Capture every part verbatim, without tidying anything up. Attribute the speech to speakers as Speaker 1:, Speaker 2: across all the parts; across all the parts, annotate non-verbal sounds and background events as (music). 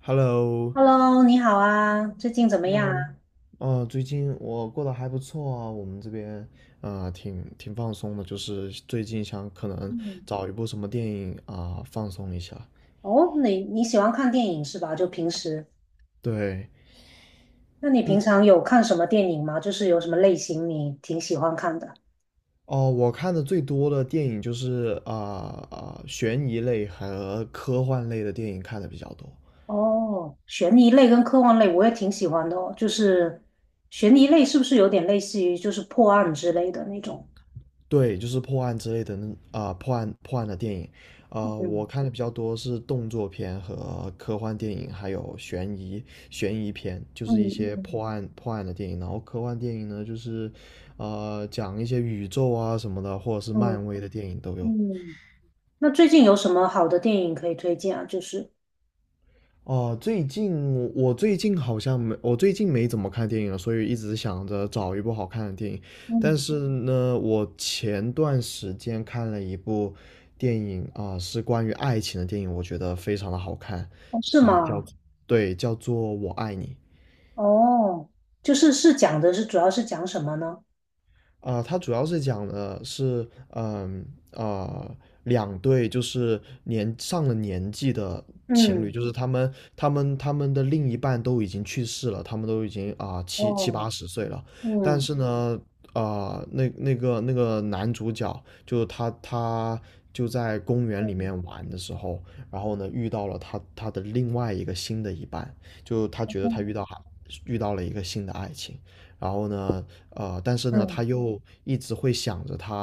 Speaker 1: Hello，
Speaker 2: Hello，你好啊，最近怎么
Speaker 1: 然
Speaker 2: 样
Speaker 1: 后，
Speaker 2: 啊？
Speaker 1: 哦，最近我过得还不错啊，我们这边啊、呃挺挺放松的，就是最近想可能
Speaker 2: 嗯。
Speaker 1: 找一部什么电影啊、放松一下。
Speaker 2: 哦，你你喜欢看电影是吧？就平时。
Speaker 1: 对，
Speaker 2: 那你平
Speaker 1: 嗯，
Speaker 2: 常有看什么电影吗？就是有什么类型你挺喜欢看的？
Speaker 1: 哦，我看的最多的电影就是啊啊、悬疑类和科幻类的电影看的比较多。
Speaker 2: 哦，悬疑类跟科幻类我也挺喜欢的哦。就是悬疑类是不是有点类似于就是破案之类的那种？
Speaker 1: 对，就是破案之类的那啊、破案破案的电影，啊、我
Speaker 2: 嗯，
Speaker 1: 看的比较多是动作片和科幻电影，还有悬疑悬疑片，就是一
Speaker 2: 嗯，
Speaker 1: 些破
Speaker 2: 嗯，
Speaker 1: 案破案的电影。然后科幻电影呢，就是呃讲一些宇宙啊什么的，或者是
Speaker 2: 嗯，
Speaker 1: 漫威的电影都有。
Speaker 2: 嗯。那最近有什么好的电影可以推荐啊？就是。
Speaker 1: 哦，最近我最近好像没，我最近没怎么看电影了，所以一直想着找一部好看的电影。但是
Speaker 2: 嗯。
Speaker 1: 呢，我前段时间看了一部电影啊、是关于爱情的电影，我觉得非常的好看
Speaker 2: 哦，是
Speaker 1: 啊、叫，
Speaker 2: 吗？
Speaker 1: 对，叫做《我爱你》。
Speaker 2: 哦，就是是讲的是主要是讲什么呢？
Speaker 1: 啊、它主要是讲的是，嗯啊、两对就是年上了年纪的情侣，
Speaker 2: 嗯。
Speaker 1: 就是他们他们他们的另一半都已经去世了，他们都已经啊、七七
Speaker 2: 哦。
Speaker 1: 八十岁了，但
Speaker 2: 嗯，
Speaker 1: 是呢，啊、那那个那个男主角就他他就在公园里
Speaker 2: 嗯，
Speaker 1: 面玩的时候，然后呢遇到了他他的另外一个新的一半，就他觉得他遇
Speaker 2: 嗯。
Speaker 1: 到遇到了一个新的爱情。然后呢，呃，但是呢，他
Speaker 2: 嗯
Speaker 1: 又一直会想着他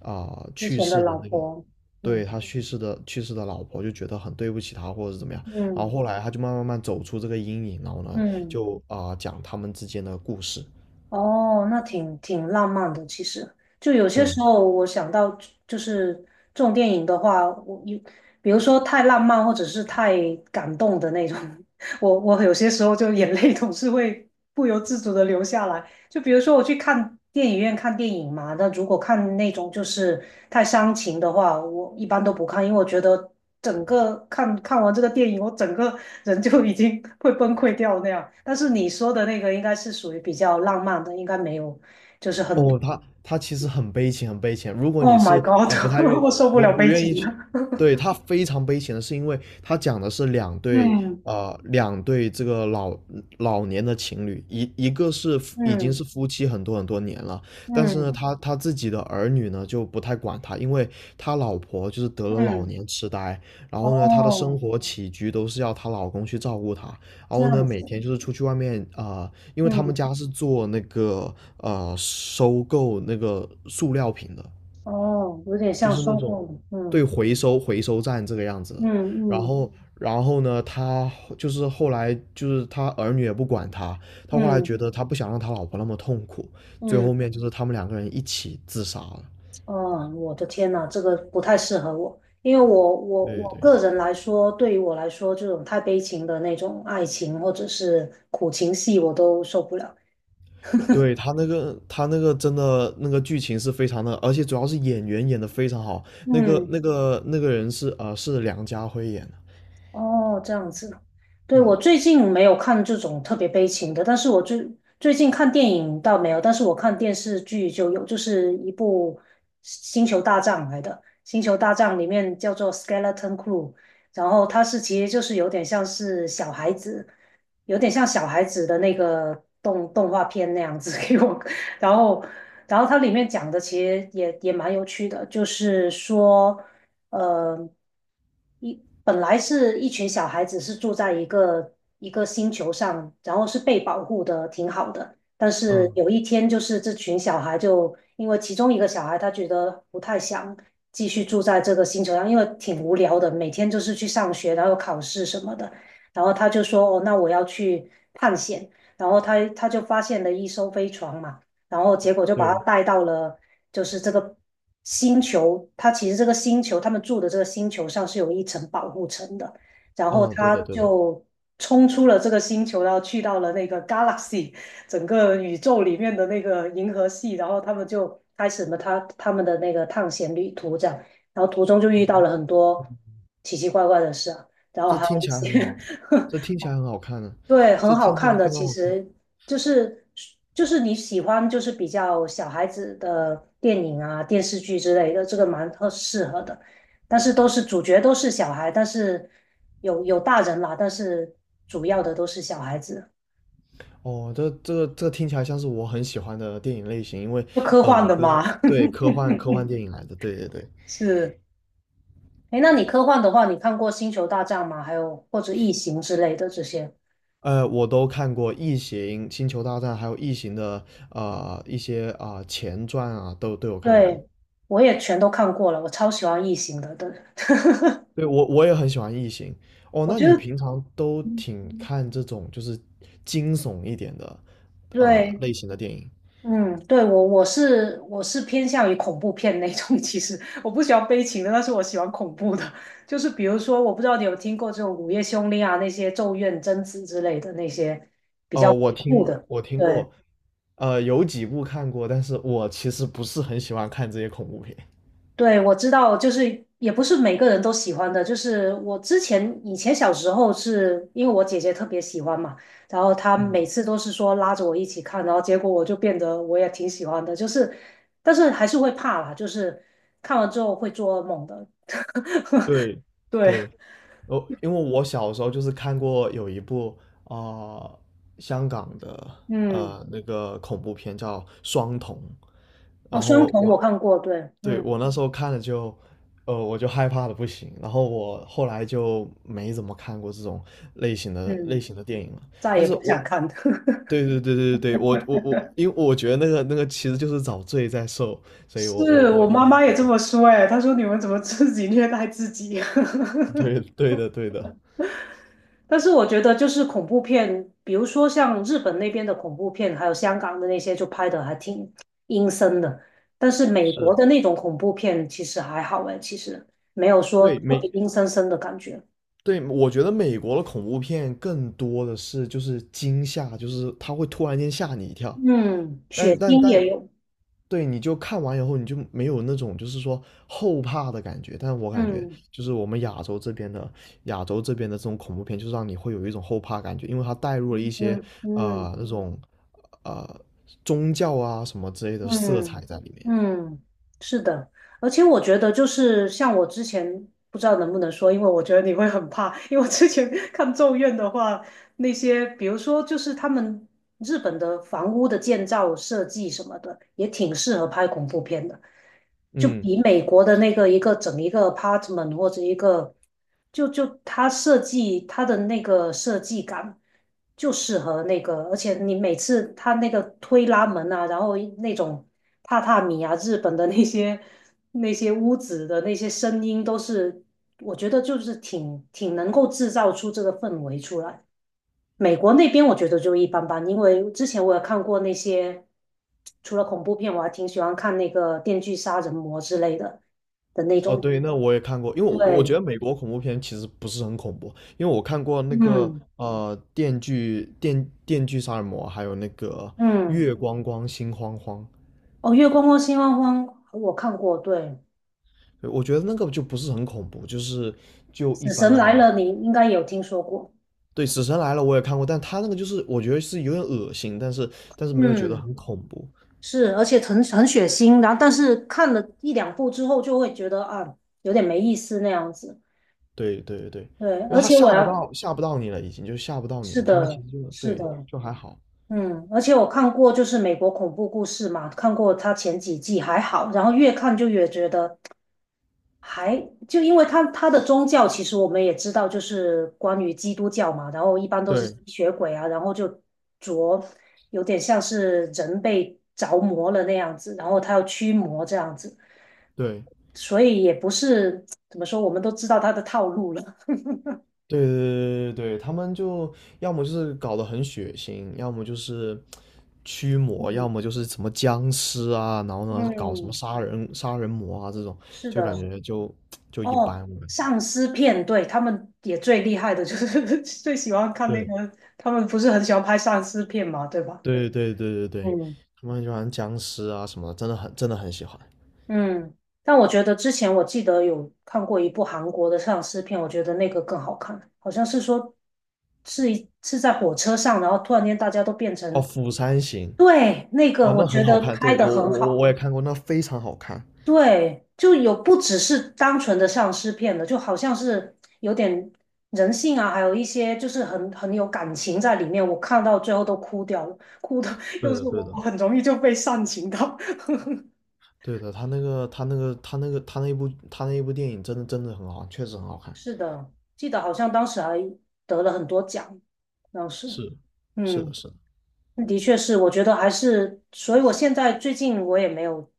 Speaker 1: 啊、呃
Speaker 2: 之
Speaker 1: 去
Speaker 2: 前的
Speaker 1: 世
Speaker 2: 老
Speaker 1: 的那个，
Speaker 2: 婆。嗯，
Speaker 1: 对，他去世的去世的老婆，就觉得很对不起他或者是怎么样。然后
Speaker 2: 嗯，
Speaker 1: 后来他就慢慢慢走出这个阴影，然后呢，
Speaker 2: 嗯。
Speaker 1: 就啊、呃讲他们之间的故事。
Speaker 2: 哦，那挺挺浪漫的。其实，就有些
Speaker 1: 对，
Speaker 2: 时候我想到，就是这种电影的话，我有，比如说太浪漫或者是太感动的那种。(laughs) 我我有些时候就眼泪总是会不由自主的流下来。就比如说我去看电影院看电影嘛，那如果看那种就是太伤情的话，我一般都不看，因为我觉得整个看看完这个电影，我整个人就已经 (laughs) 会崩溃掉那样。但是你说的那个应该是属于比较浪漫的，应该没有，就是很。
Speaker 1: 哦，他他其实很悲情，很悲情。如果
Speaker 2: Oh
Speaker 1: 你
Speaker 2: my
Speaker 1: 是
Speaker 2: God，
Speaker 1: 呃不
Speaker 2: (laughs)
Speaker 1: 太愿
Speaker 2: 我受不
Speaker 1: 不
Speaker 2: 了
Speaker 1: 不
Speaker 2: 悲
Speaker 1: 愿意
Speaker 2: 情的。
Speaker 1: 去，对，他非常悲情的是因为他讲的是两对
Speaker 2: 嗯。
Speaker 1: 呃两对这个老老年的情侣，一一个是
Speaker 2: (laughs)
Speaker 1: 夫已经是
Speaker 2: 嗯，
Speaker 1: 夫妻很多很多年了，但是呢，
Speaker 2: 嗯，
Speaker 1: 他他自己的儿女呢就不太管他，因为他老婆就是得了老
Speaker 2: 嗯。
Speaker 1: 年痴呆，然后呢，他的生
Speaker 2: 哦，
Speaker 1: 活起居都是要她老公去照顾她，然
Speaker 2: 这
Speaker 1: 后呢，
Speaker 2: 样
Speaker 1: 每
Speaker 2: 子。
Speaker 1: 天就是出去外面啊、呃因为他
Speaker 2: 嗯。
Speaker 1: 们家是做那个呃收购那个塑料瓶的，
Speaker 2: 哦，有点
Speaker 1: 就
Speaker 2: 像
Speaker 1: 是那
Speaker 2: 收
Speaker 1: 种，
Speaker 2: 购。
Speaker 1: 对，
Speaker 2: 嗯，
Speaker 1: 回收回收站这个样子
Speaker 2: 嗯，
Speaker 1: 的。然
Speaker 2: 嗯，
Speaker 1: 后，然后呢，他就是后来就是他儿女也不管他，他后
Speaker 2: 嗯，
Speaker 1: 来
Speaker 2: 嗯。
Speaker 1: 觉得他不想让他老婆那么痛苦，最
Speaker 2: 嗯，
Speaker 1: 后面就是他们两个人一起自杀了。
Speaker 2: 嗯，我的天呐，这个不太适合我，因为我我
Speaker 1: 对
Speaker 2: 我
Speaker 1: 对
Speaker 2: 个人来说，对于我来说，这种太悲情的那种爱情或者是苦情戏，我都受不了。
Speaker 1: 对，他那个，他那个真的那个剧情是非常的，而且主要是演员演的非常好。那个
Speaker 2: 嗯。
Speaker 1: 那个那个人是呃是梁家辉演的。
Speaker 2: 哦，这样子。对，
Speaker 1: 嗯
Speaker 2: 我最近没有看这种特别悲情的，但是我最最近看电影倒没有，但是我看电视剧就有，就是一部《星球大战》来的，《星球大战》里面叫做《Skeleton Crew》。然后它是其实就是有点像是小孩子，有点像小孩子的那个动动画片那样子 (laughs) 给我。然后然后它里面讲的其实也也蛮有趣的，就是说。呃，一本来是一群小孩子是住在一个一个星球上，然后是被保护的挺好的，但是
Speaker 1: 嗯，
Speaker 2: 有一天就是这群小孩就因为其中一个小孩他觉得不太想继续住在这个星球上，因为挺无聊的，每天就是去上学，然后考试什么的。然后他就说哦，那我要去探险。然后他他就发现了一艘飞船嘛。然后结果就把他
Speaker 1: 对，
Speaker 2: 带到了就是这个星球，他其实这个星球他们住的这个星球上是有一层保护层的，然后
Speaker 1: 嗯，对
Speaker 2: 他
Speaker 1: 的对的，
Speaker 2: 就冲出了这个星球，然后去到了那个 galaxy (laughs) 整个宇宙里面的那个银河系，然后他们就开始了他他们的那个探险旅途这样。然后途中就遇到了很多奇奇怪怪的事啊，然后
Speaker 1: 这
Speaker 2: 还
Speaker 1: 听
Speaker 2: 有一
Speaker 1: 起来很
Speaker 2: 些。
Speaker 1: 好，这听起来很好看呢、
Speaker 2: 对，
Speaker 1: 这
Speaker 2: 很好
Speaker 1: 听起
Speaker 2: 看
Speaker 1: 来
Speaker 2: 的，
Speaker 1: 非常
Speaker 2: 其
Speaker 1: 好看。
Speaker 2: 实就是就是你喜欢就是比较小孩子的电影啊、电视剧之类的，这个蛮特适合的。但是都是主角都是小孩，但是有有大人啦，但是主要的都是小孩子。
Speaker 1: 哦，这这个这听起来像是我很喜欢的电影类型，因为
Speaker 2: 就科
Speaker 1: 呃，
Speaker 2: 幻的
Speaker 1: 跟
Speaker 2: 嘛。
Speaker 1: 对，
Speaker 2: (laughs)
Speaker 1: 科幻科幻电影来的，对对对，
Speaker 2: 是。哎，那你科幻的话，你看过《星球大战》吗？还有或者《异形》之类的这些？
Speaker 1: 呃，我都看过《异形》《星球大战》，还有《异形》的呃一些啊、呃前传啊，都都有看过。
Speaker 2: 对，我也全都看过了，我超喜欢《异形》的。对。
Speaker 1: 对，我我也很喜欢《异形》。
Speaker 2: (laughs)
Speaker 1: 哦，
Speaker 2: 我
Speaker 1: 那
Speaker 2: 觉得。
Speaker 1: 你平常都
Speaker 2: 嗯。
Speaker 1: 挺看这种就是惊悚一点的啊、呃
Speaker 2: 对。
Speaker 1: 类型的电影？
Speaker 2: 嗯。对，我我是我是偏向于恐怖片那种，其实我不喜欢悲情的，但是我喜欢恐怖的。就是比如说，我不知道你有听过这种《午夜凶铃》啊，那些《咒怨》《贞子》之类的那些比较
Speaker 1: 哦，
Speaker 2: 恐
Speaker 1: 我
Speaker 2: 怖
Speaker 1: 听
Speaker 2: 的。
Speaker 1: 我听
Speaker 2: 对。
Speaker 1: 过。呃，有几部看过，但是我其实不是很喜欢看这些恐怖片。
Speaker 2: 对，我知道，就是也不是每个人都喜欢的。就是我之前以前小时候是因为我姐姐特别喜欢嘛，然后她每次都是说拉着我一起看，然后结果我就变得我也挺喜欢的。就是，但是还是会怕啦，就是看完之后会做噩梦的。(laughs)
Speaker 1: 对，
Speaker 2: 对。
Speaker 1: 对，我因为我小时候就是看过有一部啊呃香港的
Speaker 2: 嗯。
Speaker 1: 呃那个恐怖片叫《双瞳》，
Speaker 2: 哦，
Speaker 1: 然
Speaker 2: 双
Speaker 1: 后
Speaker 2: 瞳我
Speaker 1: 我
Speaker 2: 看过，对。
Speaker 1: 对
Speaker 2: 嗯。
Speaker 1: 我那时候看了就呃我就害怕的不行，然后我后来就没怎么看过这种类型的类
Speaker 2: 嗯，
Speaker 1: 型的电影了。
Speaker 2: 再
Speaker 1: 但
Speaker 2: 也
Speaker 1: 是
Speaker 2: 不想
Speaker 1: 我
Speaker 2: 看。(laughs)
Speaker 1: 对对对对对，我我我，因为我觉得那个那个其实就是找罪在受，所以我我
Speaker 2: 是
Speaker 1: 我
Speaker 2: 我
Speaker 1: 一
Speaker 2: 妈
Speaker 1: 般，
Speaker 2: 妈也这么说，哎，她说你们怎么自己虐待自己？(laughs)
Speaker 1: 对对的对的，
Speaker 2: 但是我觉得就是恐怖片，比如说像日本那边的恐怖片，还有香港的那些，就拍的还挺阴森的。但是美国
Speaker 1: 是，
Speaker 2: 的那种恐怖片其实还好哎，其实没有说
Speaker 1: 对，
Speaker 2: 特
Speaker 1: 每
Speaker 2: 别阴森森的感觉。
Speaker 1: 对，我觉得美国的恐怖片更多的是就是惊吓，就是它会突然间吓你一跳，
Speaker 2: 嗯，血
Speaker 1: 但但
Speaker 2: 腥
Speaker 1: 但，
Speaker 2: 也有。
Speaker 1: 对，你就看完以后你就没有那种就是说后怕的感觉。但我感觉
Speaker 2: 嗯，
Speaker 1: 就是我们亚洲这边的亚洲这边的这种恐怖片，就是让你会有一种后怕感觉，因为它带入了一
Speaker 2: 嗯，
Speaker 1: 些呃
Speaker 2: 嗯，
Speaker 1: 那种呃宗教啊什么之类的色彩
Speaker 2: 嗯，
Speaker 1: 在里面。
Speaker 2: 嗯，是的。而且我觉得就是像我之前不知道能不能说，因为我觉得你会很怕，因为我之前 (laughs) 看《咒怨》的话，那些，比如说就是他们日本的房屋的建造设计什么的，也挺适合拍恐怖片的，就
Speaker 1: 嗯，
Speaker 2: 比美国的那个一个整一个 apartment 或者一个，就就它设计它的那个设计感就适合那个，而且你每次它那个推拉门啊，然后那种榻榻米啊，日本的那些那些屋子的那些声音都是。我觉得就是挺挺能够制造出这个氛围出来。美国那边我觉得就一般般，因为之前我也看过那些，除了恐怖片，我还挺喜欢看那个《电锯杀人魔》之类的的那
Speaker 1: 哦，
Speaker 2: 种。
Speaker 1: 对，那我也看过，因为我我觉
Speaker 2: 对。
Speaker 1: 得美国恐怖片其实不是很恐怖，因为我看过那个
Speaker 2: 嗯。
Speaker 1: 呃《电锯电电锯杀人魔》，还有那个
Speaker 2: 嗯。
Speaker 1: 《月光光心慌慌》，
Speaker 2: 哦，《月光光心慌慌》我看过，对，
Speaker 1: 对，我觉得那个就不是很恐怖，就是就一
Speaker 2: 《死
Speaker 1: 般
Speaker 2: 神
Speaker 1: 般
Speaker 2: 来
Speaker 1: 啊。
Speaker 2: 了》你应该有听说过。
Speaker 1: 对，《死神来了》我也看过，但他那个就是我觉得是有点恶心，但是但是没有觉得
Speaker 2: 嗯。
Speaker 1: 很恐怖。
Speaker 2: 是，而且很很血腥，然后但是看了一两部之后就会觉得啊，有点没意思那样子。
Speaker 1: 对对对，
Speaker 2: 对，
Speaker 1: 因为
Speaker 2: 而
Speaker 1: 他
Speaker 2: 且我
Speaker 1: 吓不
Speaker 2: 要
Speaker 1: 到吓不到你了，已经就吓不到你
Speaker 2: 是
Speaker 1: 了，他们其
Speaker 2: 的，
Speaker 1: 实就，
Speaker 2: 是
Speaker 1: 对，
Speaker 2: 的。
Speaker 1: 就还好。
Speaker 2: 嗯，而且我看过，就是美国恐怖故事嘛，看过它前几季还好，然后越看就越觉得还就因为它它的宗教，其实我们也知道，就是关于基督教嘛，然后一般都是吸
Speaker 1: 对
Speaker 2: 血鬼啊，然后就着有点像是人被着魔了那样子，然后他要驱魔这样子，
Speaker 1: 对。
Speaker 2: 所以也不是怎么说，我们都知道他的套路了。(laughs)
Speaker 1: 对对对对对，他们就要么就是搞得很血腥，要么就是驱魔，要
Speaker 2: 嗯，
Speaker 1: 么就是什么僵尸啊，然后呢搞什么
Speaker 2: 嗯，
Speaker 1: 杀人杀人魔啊这种，
Speaker 2: 是
Speaker 1: 就感
Speaker 2: 的。
Speaker 1: 觉就就一般，
Speaker 2: 哦，
Speaker 1: 我感觉。
Speaker 2: 丧尸片，对，他们也最厉害的就是 (laughs) 最喜欢看那
Speaker 1: 对
Speaker 2: 个，他们不是很喜欢拍丧尸片嘛，对吧？
Speaker 1: 对对对对对，
Speaker 2: 嗯。
Speaker 1: 他们很喜欢僵尸啊什么的，真的很真的很喜欢。
Speaker 2: 嗯。但我觉得之前我记得有看过一部韩国的丧尸片，我觉得那个更好看，好像是说是一是在火车上，然后突然间大家都变
Speaker 1: 哦，
Speaker 2: 成。
Speaker 1: 《釜山行》
Speaker 2: 对，那个
Speaker 1: 啊，
Speaker 2: 我
Speaker 1: 那很
Speaker 2: 觉
Speaker 1: 好
Speaker 2: 得
Speaker 1: 看，
Speaker 2: 拍
Speaker 1: 对，
Speaker 2: 的
Speaker 1: 我
Speaker 2: 很
Speaker 1: 我我我
Speaker 2: 好。
Speaker 1: 也看过，那非常好看。
Speaker 2: 对，就有不只是单纯的丧尸片了，就好像是有点人性啊，还有一些就是很很有感情在里面。我看到最后都哭掉了，哭的 (laughs) 又
Speaker 1: 对的
Speaker 2: 是
Speaker 1: 对
Speaker 2: 我，
Speaker 1: 的
Speaker 2: 我很容易就被煽情到。(laughs)
Speaker 1: 对的，他那个他那个他那个他那一部他那一部电影真的真的很好看确实很好看。
Speaker 2: 是的，记得好像当时还得了很多奖，当时。
Speaker 1: 是，是的，
Speaker 2: 嗯。
Speaker 1: 是的。
Speaker 2: 的确是，我觉得还是，所以我现在最近我也没有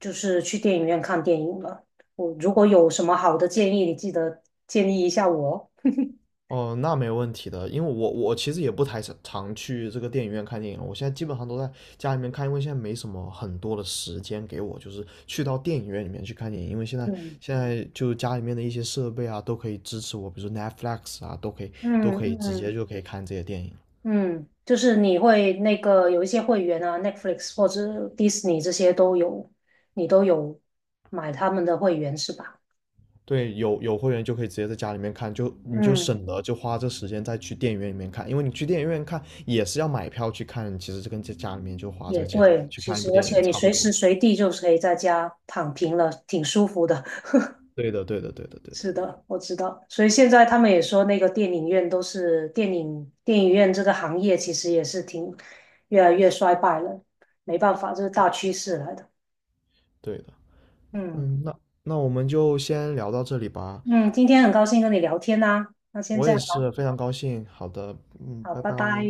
Speaker 2: 就是去电影院看电影了。我如果有什么好的建议，你记得建议一下我哦。(laughs)
Speaker 1: 哦，那没问题的，因为我我其实也不太常去这个电影院看电影了。我现在基本上都在家里面看，因为现在没什么很多的时间给我，就是去到电影院里面去看电影，因为现在
Speaker 2: 嗯，
Speaker 1: 现在就家里面的一些设备啊都可以支持我，比如说 Netflix 啊都可以都可
Speaker 2: 嗯，
Speaker 1: 以直接
Speaker 2: 嗯，
Speaker 1: 就可以看这些电影。
Speaker 2: 嗯。就是你会那个有一些会员啊，Netflix 或者迪士尼这些都有，你都有买他们的会员是吧？
Speaker 1: 对，有有会员就可以直接在家里面看，就你就
Speaker 2: 嗯。
Speaker 1: 省得就花这时间再去电影院里面看，因为你去电影院看也是要买票去看，其实这跟在家里面就花
Speaker 2: 也
Speaker 1: 这个钱
Speaker 2: 对，
Speaker 1: 去
Speaker 2: 其
Speaker 1: 看一
Speaker 2: 实
Speaker 1: 部
Speaker 2: 而
Speaker 1: 电
Speaker 2: 且
Speaker 1: 影
Speaker 2: 你
Speaker 1: 差不
Speaker 2: 随
Speaker 1: 多。
Speaker 2: 时随地就可以在家躺平了，挺舒服的。
Speaker 1: 对的，对的，对的，
Speaker 2: (laughs)
Speaker 1: 对的，
Speaker 2: 是的，我知道。所以现在他们也说，那个电影院都是电影电影院这个行业其实也是挺越来越衰败了，没办法，这是大趋势来的。
Speaker 1: 对的。
Speaker 2: 嗯。
Speaker 1: 嗯，那那我们就先聊到这里吧。
Speaker 2: 嗯，今天很高兴跟你聊天呐、那先
Speaker 1: 我
Speaker 2: 这
Speaker 1: 也
Speaker 2: 样吧，
Speaker 1: 是非常高兴。好的，嗯，
Speaker 2: 好，
Speaker 1: 拜
Speaker 2: 拜拜。
Speaker 1: 拜。